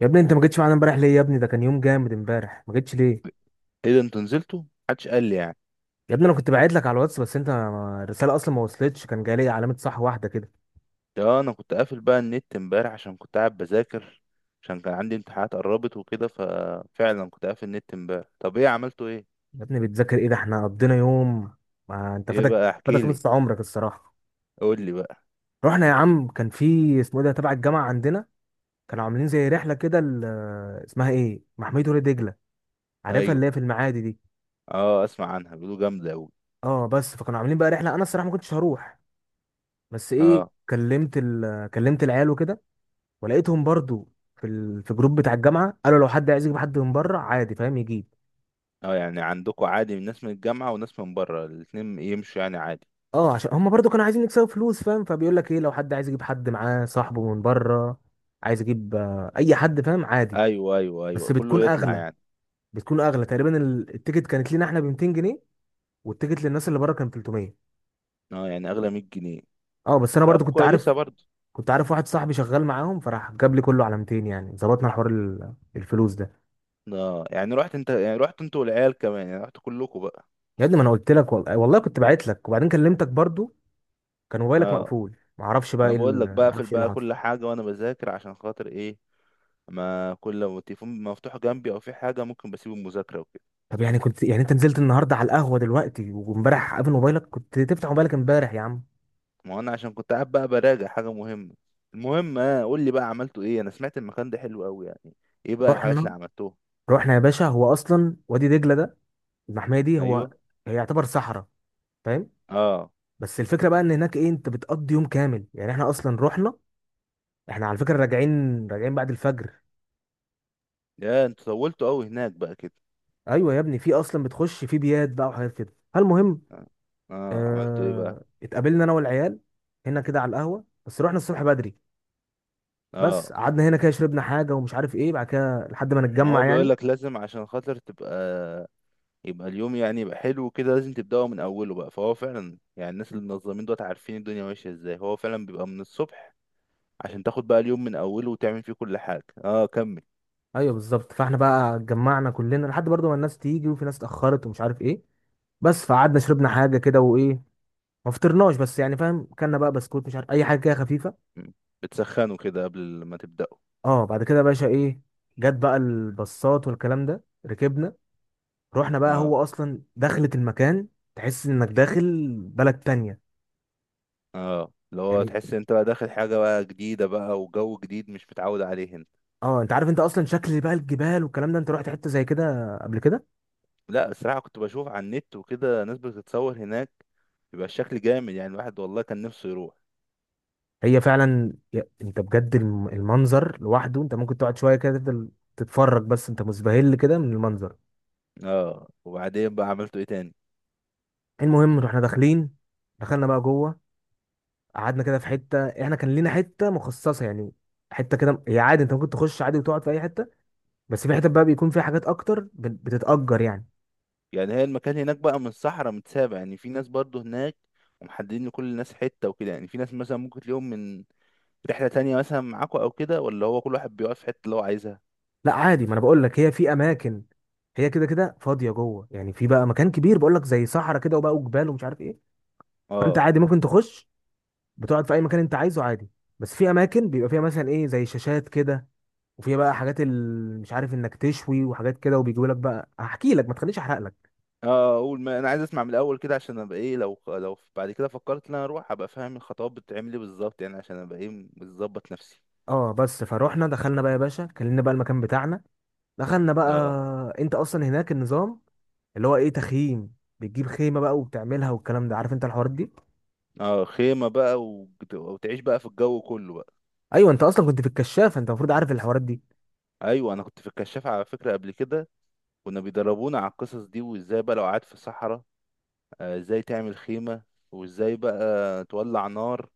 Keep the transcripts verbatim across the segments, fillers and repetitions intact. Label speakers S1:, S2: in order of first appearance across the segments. S1: يا ابني انت ما جيتش معانا امبارح ليه؟ يا ابني ده كان يوم جامد امبارح، ما جيتش ليه؟
S2: ايه ده، انتوا نزلتوا؟ محدش قال لي يعني.
S1: يا ابني انا كنت باعت لك على الواتس، بس انت ما- الرساله اصلا ما وصلتش، كان جاي لي علامه صح واحده كده.
S2: ده انا كنت قافل بقى النت امبارح عشان كنت قاعد بذاكر، عشان كان عندي امتحانات قربت وكده، ففعلا كنت قافل النت امبارح. طب ايه عملتوا ايه؟
S1: يا ابني بتذاكر ايه؟ ده احنا قضينا يوم، ما انت
S2: ايه
S1: فاتك
S2: بقى، احكي
S1: فاتك
S2: لي،
S1: نص عمرك الصراحه.
S2: قول لي بقى.
S1: رحنا يا عم، كان في اسمه ايه ده تبع الجامعه عندنا، كانوا عاملين زي رحله كده ال- اسمها ايه، محميه وادي دجله، عارفها
S2: ايوه.
S1: اللي هي في المعادي دي.
S2: اه، اسمع عنها بيقولوا جامده قوي.
S1: اه، بس فكانوا عاملين بقى رحله، انا الصراحه ما كنتش هروح، بس ايه،
S2: اه.
S1: كلمت ال... كلمت العيال وكده، ولقيتهم برضو في ال... في جروب بتاع الجامعه، قالوا لو حد عايز يجيب حد من بره عادي، فاهم، يجيب.
S2: اه يعني عندكم عادي من ناس من الجامعه وناس من بره الاتنين يمشوا يعني عادي؟
S1: اه، عشان هم برضو كانوا عايزين يكسبوا فلوس، فاهم، فبيقول لك ايه، لو حد عايز يجيب حد معاه صاحبه من بره عايز يجيب آه، اي حد، فاهم، عادي.
S2: ايوه ايوه ايوه،
S1: بس
S2: كله
S1: بتكون
S2: يطلع
S1: اغلى،
S2: يعني.
S1: بتكون اغلى تقريبا ال- التيكت كانت لينا احنا ب ميتين جنيه، والتيكت للناس اللي بره كان تلاتمية.
S2: اه يعني اغلى مية جنيه.
S1: اه بس انا
S2: طب
S1: برضو كنت عارف،
S2: كويسه برضه.
S1: كنت عارف واحد صاحبي شغال معاهم، فراح جاب لي كله على ميتين، يعني ظبطنا حوار ال- الفلوس ده.
S2: اه يعني رحت انت، يعني رحت انت والعيال كمان، يعني رحت كلكم بقى؟
S1: يا ابني ما انا قلت لك، والله والله كنت بعت لك وبعدين كلمتك برضو، كان موبايلك
S2: اه،
S1: مقفول، معرفش
S2: ما
S1: بقى
S2: انا
S1: ايه
S2: بقول
S1: ال-
S2: لك بقفل
S1: معرفش ايه اللي
S2: بقى
S1: حصل.
S2: كل حاجه وانا بذاكر، عشان خاطر ايه، ما كل لو التليفون مفتوح جنبي او في حاجه ممكن بسيب المذاكره وكده.
S1: طب يعني كنت، يعني انت نزلت النهارده على القهوه دلوقتي وامبارح قافل موبايلك؟ كنت تفتح موبايلك امبارح يا عم.
S2: ما انا عشان كنت قاعد بقى براجع حاجه مهمه. المهم، اه، قول لي بقى عملتوا ايه. انا سمعت المكان ده حلو قوي يعني. ايه بقى الحاجات اللي
S1: رحنا،
S2: عملتوها؟
S1: رحنا يا باشا، هو اصلا وادي دجله ده، المحميه دي، هو
S2: ايوه.
S1: هي يعتبر صحراء، فاهم.
S2: اه.
S1: بس الفكره بقى ان هناك ايه، انت بتقضي يوم كامل، يعني احنا اصلا رحنا، احنا على فكره راجعين راجعين بعد الفجر.
S2: يا انتوا طولتوا قوي هناك بقى كده.
S1: ايوه يا ابني، في اصلا بتخش في بيات بقى وحاجات كده. المهم،
S2: اه. آه، عملتوا ايه بقى؟
S1: آه... اتقابلنا انا والعيال هنا كده على القهوه، بس رحنا الصبح بدري. بس
S2: اه،
S1: قعدنا هنا كده شربنا حاجه ومش عارف ايه بعد كده لحد ما
S2: ما هو
S1: نتجمع
S2: بيقول
S1: يعني.
S2: لك لازم عشان خاطر تبقى، يبقى اليوم يعني يبقى حلو كده لازم تبدأه من أوله بقى، فهو فعلا يعني الناس اللي منظمين دوت عارفين الدنيا ماشية ازاي، هو فعلا بيبقى من الصبح عشان تاخد بقى اليوم من أوله وتعمل فيه كل حاجة. اه كمل.
S1: ايوه بالظبط، فاحنا بقى اتجمعنا كلنا لحد برضه ما الناس تيجي، وفي ناس اتاخرت ومش عارف ايه. بس فقعدنا شربنا حاجه كده وايه، ما فطرناش بس يعني، فاهم، كلنا بقى بسكوت مش عارف اي حاجه كده خفيفه.
S2: م. بتسخنه كده قبل ما تبدأه.
S1: اه، بعد كده يا باشا ايه، جت بقى الباصات والكلام ده، ركبنا. رحنا بقى،
S2: اه.
S1: هو اصلا دخلة المكان تحس انك داخل بلد تانية،
S2: اه، اللي هو
S1: يعني.
S2: تحس انت بقى داخل حاجة بقى جديدة بقى وجو جديد مش متعود عليه انت.
S1: اه، انت عارف انت اصلا شكل بقى الجبال والكلام ده، انت رحت حته زي كده قبل كده؟
S2: لا، الصراحة كنت بشوف على النت وكده ناس بتتصور هناك، بيبقى الشكل جامد يعني، الواحد والله كان نفسه يروح.
S1: هي فعلا يا- انت بجد الم- المنظر لوحده انت ممكن تقعد شويه كده، تفضل تتفرج بس انت مسبهل كده من المنظر.
S2: اه، وبعدين بقى عملتوا ايه تاني؟
S1: المهم، رحنا داخلين، دخلنا بقى جوه، قعدنا كده في حته، احنا كان لينا حته مخصصه يعني. حته كده، هي عادي انت ممكن تخش عادي وتقعد في اي حته، بس في حته بقى بيكون فيها حاجات اكتر بت- بتتأجر يعني.
S2: يعني هي المكان هناك بقى من صحراء متسابع، يعني في ناس برضو هناك ومحددين لكل الناس حتة وكده، يعني في ناس مثلا ممكن تلاقيهم من رحلة تانية مثلا معاكوا أو كده، ولا هو كل واحد بيقف في الحتة اللي هو عايزها؟
S1: لا عادي، ما انا بقول لك، هي في اماكن، هي كده كده فاضيه جوه، يعني في بقى مكان كبير بقول لك زي صحراء كده، وبقى وجبال ومش عارف ايه. فانت
S2: اه.
S1: عادي ممكن تخش، بتقعد في اي مكان انت عايزه عادي. بس في اماكن بيبقى فيها مثلا ايه زي شاشات كده، وفيها بقى حاجات ال... مش عارف انك تشوي وحاجات كده، وبيجيبوا لك بقى، هحكي لك، ما تخليش احرق لك.
S2: اه اقول، ما انا عايز اسمع من الاول كده عشان ابقى ايه، لو لو بعد كده فكرت ان انا اروح ابقى فاهم الخطوات بتتعمل ايه بالظبط، يعني عشان ابقى ايه، مظبط نفسي.
S1: اه بس فروحنا دخلنا بقى يا باشا، كلمنا بقى المكان بتاعنا، دخلنا بقى.
S2: اه.
S1: انت اصلا هناك النظام اللي هو ايه، تخييم، بتجيب خيمه بقى وبتعملها والكلام ده، عارف انت الحوارات دي،
S2: اه، خيمة بقى وت- وتعيش بقى في الجو كله بقى.
S1: ايوه، انت اصلا كنت في الكشاف، انت المفروض عارف الحوارات دي.
S2: ايوه انا كنت في الكشاف على فكرة قبل كده، كنا بيدربونا على القصص دي وازاي بقى لو قعدت في الصحراء. آه، ازاي تعمل خيمة، وازاي بقى تولع نار،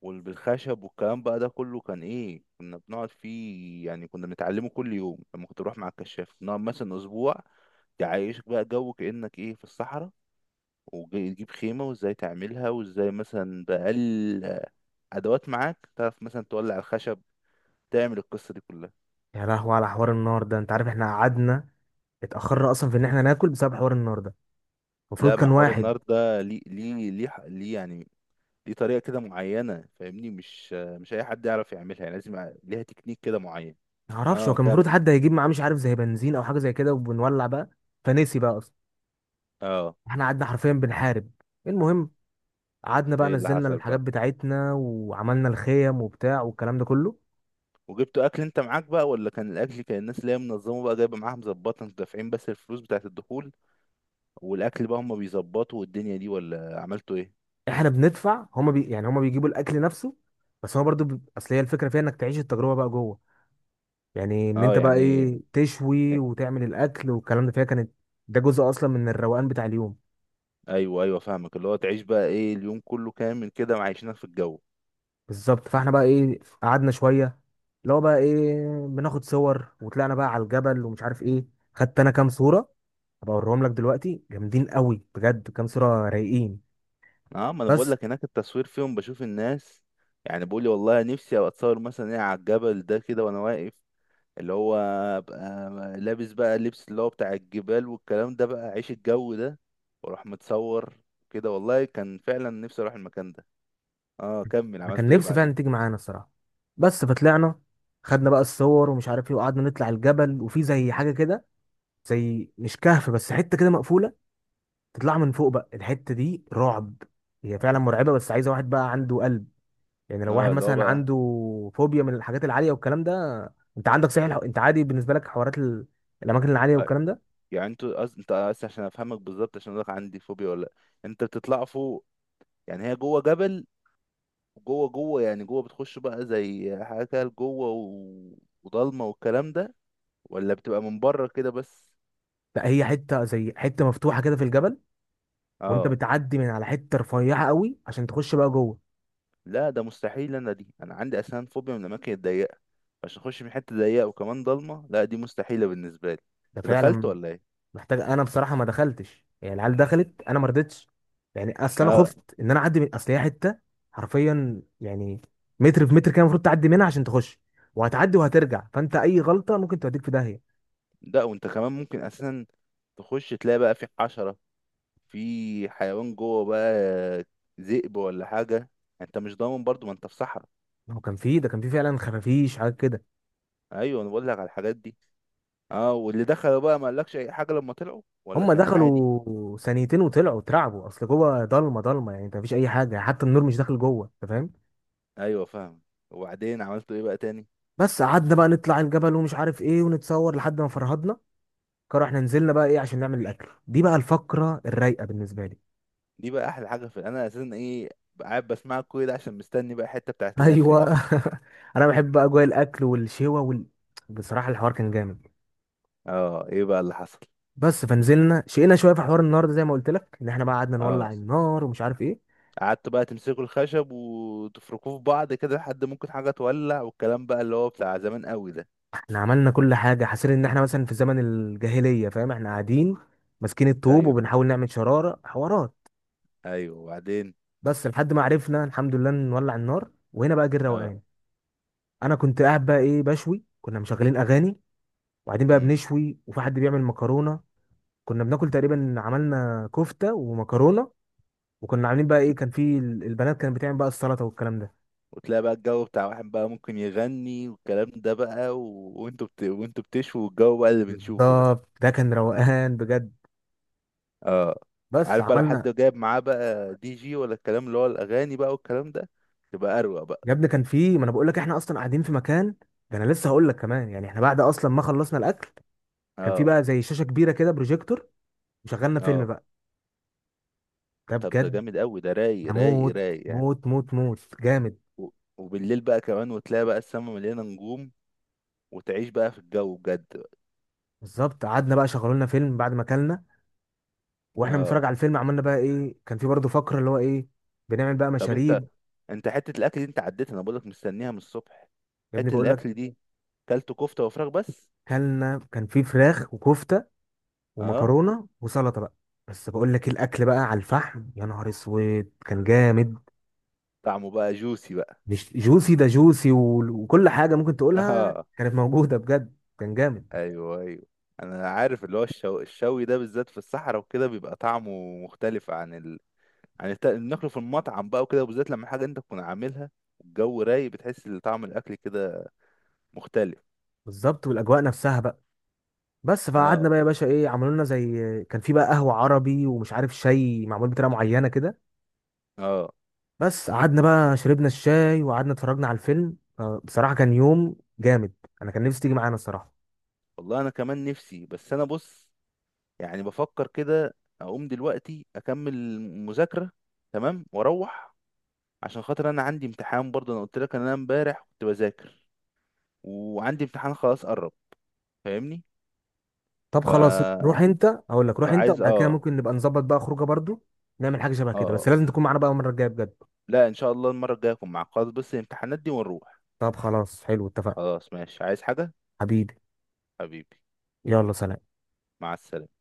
S2: والخشب والكلام بقى ده كله كان ايه، كنا بنقعد فيه يعني كنا بنتعلمه كل يوم لما كنت بروح مع الكشاف، نقعد مثلا اسبوع تعيشك بقى جو كأنك ايه في الصحراء، وتجيب خيمة وازاي تعملها، وازاي مثلا بأقل آه، ادوات معاك تعرف مثلا تولع الخشب، تعمل القصة دي كلها.
S1: يا لهوي على حوار النار ده، انت عارف احنا قعدنا اتاخرنا اصلا في ان احنا ناكل بسبب حوار النار ده، المفروض
S2: لا، ما
S1: كان
S2: حوار
S1: واحد،
S2: النار ده ليه ليه ليه ليه يعني؟ دي طريقة كده معينة فاهمني، مش مش أي حد يعرف يعملها يعني، لازم يبقى ليها تكنيك كده معين.
S1: معرفش هو
S2: اه
S1: كان
S2: كم.
S1: المفروض حد هيجيب معاه مش عارف زي بنزين او حاجه زي كده وبنولع بقى، فنسي بقى اصلا.
S2: اه.
S1: احنا قعدنا حرفيا بنحارب. المهم، قعدنا بقى،
S2: ايه اللي
S1: نزلنا
S2: حصل
S1: الحاجات
S2: بقى؟
S1: بتاعتنا وعملنا الخيم وبتاع والكلام ده كله.
S2: وجبتوا أكل أنت معاك بقى، ولا كان الأكل كان الناس اللي هي منظمة بقى جايبة معاها مظبطة، أنتوا دافعين بس الفلوس بتاعة الدخول والأكل بقى هما بيظبطوا والدنيا دي، ولا عملتوا ايه؟
S1: احنا بندفع، هما بي يعني هما بيجيبوا الاكل نفسه، بس هو برضو بي... اصل هي الفكره فيها انك تعيش التجربه بقى جوه، يعني ان
S2: اه
S1: انت بقى
S2: يعني.
S1: ايه، تشوي وتعمل الاكل والكلام ده، فيها كانت، ده جزء اصلا من الروقان بتاع اليوم.
S2: ايوه ايوه فاهمك، اللي هو تعيش بقى ايه اليوم كله كامل كده معيشينك في الجو.
S1: بالظبط، فاحنا بقى ايه، قعدنا شويه، اللي هو بقى ايه بناخد صور، وطلعنا بقى على الجبل ومش عارف ايه. خدت انا كام صوره، هبقى اوريهم لك دلوقتي جامدين قوي بجد، كام صوره رايقين.
S2: اه، ما انا بقول
S1: بس
S2: لك هناك التصوير فيهم بشوف الناس، يعني بقول لي والله نفسي ابقى اتصور مثلا ايه على الجبل ده كده وانا واقف، اللي هو ابقى لابس بقى اللبس اللي هو بتاع الجبال والكلام ده بقى، عيش الجو ده واروح متصور كده. والله كان فعلا نفسي اروح المكان ده. اه كمل
S1: انا كان
S2: عملته ايه
S1: نفسي فعلا
S2: بعدين.
S1: تيجي معانا الصراحه. بس فطلعنا، خدنا بقى الصور ومش عارف ايه، وقعدنا نطلع الجبل، وفي زي حاجه كده، زي مش كهف بس حته كده مقفوله، تطلع من فوق بقى الحته دي رعب. هي فعلا مرعبه، بس عايزه واحد بقى عنده قلب، يعني لو
S2: اه
S1: واحد
S2: اللي هو
S1: مثلا
S2: بقى
S1: عنده فوبيا من الحاجات العاليه والكلام ده. انت عندك صحيح الح- انت عادي بالنسبه لك حوارات ال... الاماكن العاليه
S2: آه،
S1: والكلام ده؟
S2: يعني انتوا أص... انت أص... عشان افهمك بالظبط عشان اقولك عندي فوبيا ولا لأ. انت بتطلع فوق، يعني هي جوه جبل، جوه جوه يعني جوه بتخش بقى زي حاجه كده جوه و... وضلمه والكلام ده، ولا بتبقى من بره كده بس؟
S1: لا هي حته زي حته مفتوحه كده في الجبل، وانت
S2: اه.
S1: بتعدي من على حته رفيعه قوي عشان تخش بقى جوه.
S2: لا ده مستحيل انا، دي انا عندي اسنان فوبيا من الاماكن الضيقه، عشان اخش من حته ضيقه وكمان ضلمه، لا دي مستحيله بالنسبه لي.
S1: ده
S2: انت دخلت
S1: فعلا
S2: ولا ايه؟
S1: محتاج، انا بصراحه ما دخلتش، يعني العيال دخلت انا ما رضيتش، يعني اصل انا
S2: اه.
S1: خفت ان انا اعدي، من اصل هي حته حرفيا يعني متر في متر كده المفروض تعدي منها عشان تخش، وهتعدي وهترجع، فانت اي غلطه ممكن توديك في داهيه.
S2: لا، وانت كمان ممكن اساسا تخش تلاقي بقى في حشره، في حيوان جوه بقى، ذئب ولا حاجه، انت مش ضامن برضو ما انت في صحراء.
S1: ما هو كان فيه، ده كان فيه فعلا خفافيش حاجات كده.
S2: ايوه انا بقول لك على الحاجات دي. اه، واللي دخلوا بقى ما قالكش اي حاجه لما طلعوا ولا
S1: هم
S2: كان عادي؟
S1: دخلوا ثانيتين وطلعوا اترعبوا، اصل جوه ضلمه ضلمه يعني، انت مفيش اي حاجه، حتى النور مش داخل جوه انت، فاهم.
S2: ايوه فاهم. وبعدين عملتوا ايه بقى تاني؟
S1: بس قعدنا بقى نطلع الجبل ومش عارف ايه ونتصور لحد ما فرهدنا، قرر احنا نزلنا بقى ايه عشان نعمل الاكل، دي بقى الفقره الرايقه بالنسبه لي.
S2: دي بقى احلى حاجه، في انا اساسا ايه، قاعد بسمع كل ده عشان مستني بقى الحته بتاعه الاكل
S1: ايوه.
S2: دي.
S1: انا بحب بقى اجواء الاكل والشوا وال... بصراحه الحوار كان جامد.
S2: اه ايه بقى اللي حصل.
S1: بس فنزلنا شقينا شويه في حوار النار ده زي ما قلت لك، ان احنا بقى قعدنا
S2: اه،
S1: نولع النار ومش عارف ايه.
S2: قعدتوا بقى تمسكوا الخشب وتفركوه في بعض كده لحد ممكن حاجه تولع، والكلام بقى اللي هو بتاع زمان قوي ده.
S1: احنا عملنا كل حاجة حاسين ان احنا مثلا في زمن الجاهلية، فاهم، احنا قاعدين ماسكين الطوب
S2: ايوه
S1: وبنحاول نعمل شرارة حوارات.
S2: ايوه، وبعدين؟
S1: بس لحد ما عرفنا الحمد لله نولع النار، وهنا بقى جه
S2: اه.
S1: الروقان. انا كنت قاعد بقى ايه بشوي، كنا مشغلين اغاني، وبعدين بقى
S2: امم
S1: بنشوي، وفي حد بيعمل مكرونة. كنا بناكل تقريبا عملنا كفتة ومكرونة، وكنا عاملين بقى ايه،
S2: وتل-
S1: كان في ال- البنات كانت بتعمل بقى السلطة والكلام ده.
S2: وتلاقي بقى الجو بتاع واحد بقى ممكن يغني والكلام ده بقى، و... وانتوا بت... وانتوا بتشوا الجو بقى اللي بنشوفه ده.
S1: بالظبط، ده كان روقان بجد.
S2: اه.
S1: بس
S2: عارف بقى لو حد
S1: عملنا،
S2: جايب معاه بقى دي جي ولا الكلام اللي هو الاغاني بقى والكلام ده، تبقى اروق بقى.
S1: يا ابني كان في، ما انا بقول لك احنا اصلا قاعدين في مكان، ده انا لسه هقول لك كمان، يعني احنا بعد اصلا ما خلصنا الاكل، كان في
S2: اه.
S1: بقى زي شاشه كبيره كده، بروجيكتور، وشغلنا فيلم
S2: اه.
S1: بقى. ده
S2: طب ده
S1: بجد
S2: جامد قوي ده، رايق رايق
S1: هموت،
S2: رايق يعني.
S1: موت موت موت جامد.
S2: و- وبالليل بقى كمان وتلاقي بقى السما مليانه نجوم، وتعيش بقى في الجو بجد بقى.
S1: بالظبط، قعدنا بقى شغلوا لنا فيلم بعد ما اكلنا، واحنا
S2: اه.
S1: بنتفرج على الفيلم عملنا بقى ايه، كان في برضه فقره اللي هو ايه، بنعمل بقى
S2: طب انت،
S1: مشاريب.
S2: انت حته الاكل دي انت عديت، انا بقولك مستنيها من الصبح.
S1: يا ابني
S2: حته
S1: بقول لك،
S2: الاكل دي كلت كفته وفراخ بس؟
S1: كلنا كان في فراخ وكفته
S2: اه،
S1: ومكرونه وسلطه بقى. بس بقول لك إيه، الاكل بقى على الفحم، يا نهار اسود كان جامد.
S2: طعمه بقى جوسي بقى.
S1: مش جوسي ده، جوسي و- وكل حاجه ممكن تقولها
S2: اه
S1: كانت موجوده بجد، كان جامد.
S2: ايوه ايوه، انا عارف اللي هو الشو... الشوي ده بالذات في الصحراء وكده بيبقى طعمه مختلف عن يعني تا- ناكله في المطعم بقى وكده، وبالذات لما حاجه انت تكون عاملها والجو رايق، بتحس ان طعم الاكل كده مختلف.
S1: بالظبط والاجواء نفسها بقى. بس فقعدنا
S2: اه.
S1: بقى يا باشا ايه، عملوا لنا زي، كان في بقى قهوه عربي ومش عارف شاي معمول بطريقه معينه كده.
S2: اه،
S1: بس قعدنا بقى شربنا الشاي وقعدنا اتفرجنا على الفيلم. آه، بصراحه كان يوم جامد، انا كان نفسي تيجي معانا الصراحه.
S2: والله انا كمان نفسي، بس انا بص يعني بفكر كده اقوم دلوقتي اكمل مذاكره تمام واروح، عشان خاطر انا عندي امتحان برضه، انا قلت لك ان انا امبارح كنت بذاكر وعندي امتحان خلاص قرب، فاهمني.
S1: طب
S2: ف...
S1: خلاص روح انت، اقول لك روح انت،
S2: فعايز
S1: وبعد كده
S2: اه.
S1: ممكن نبقى نظبط بقى خروجه برضو، نعمل حاجه شبه
S2: اه
S1: كده، بس
S2: آه.
S1: لازم تكون معانا بقى المره الجايه بجد.
S2: لا ان شاء الله المره الجايه اكون معاك، خلاص بس الامتحانات دي ونروح.
S1: طب خلاص حلو، اتفقنا،
S2: خلاص ماشي، عايز حاجه؟
S1: حبيبي.
S2: حبيبي.
S1: يلا سلام.
S2: مع السلامه.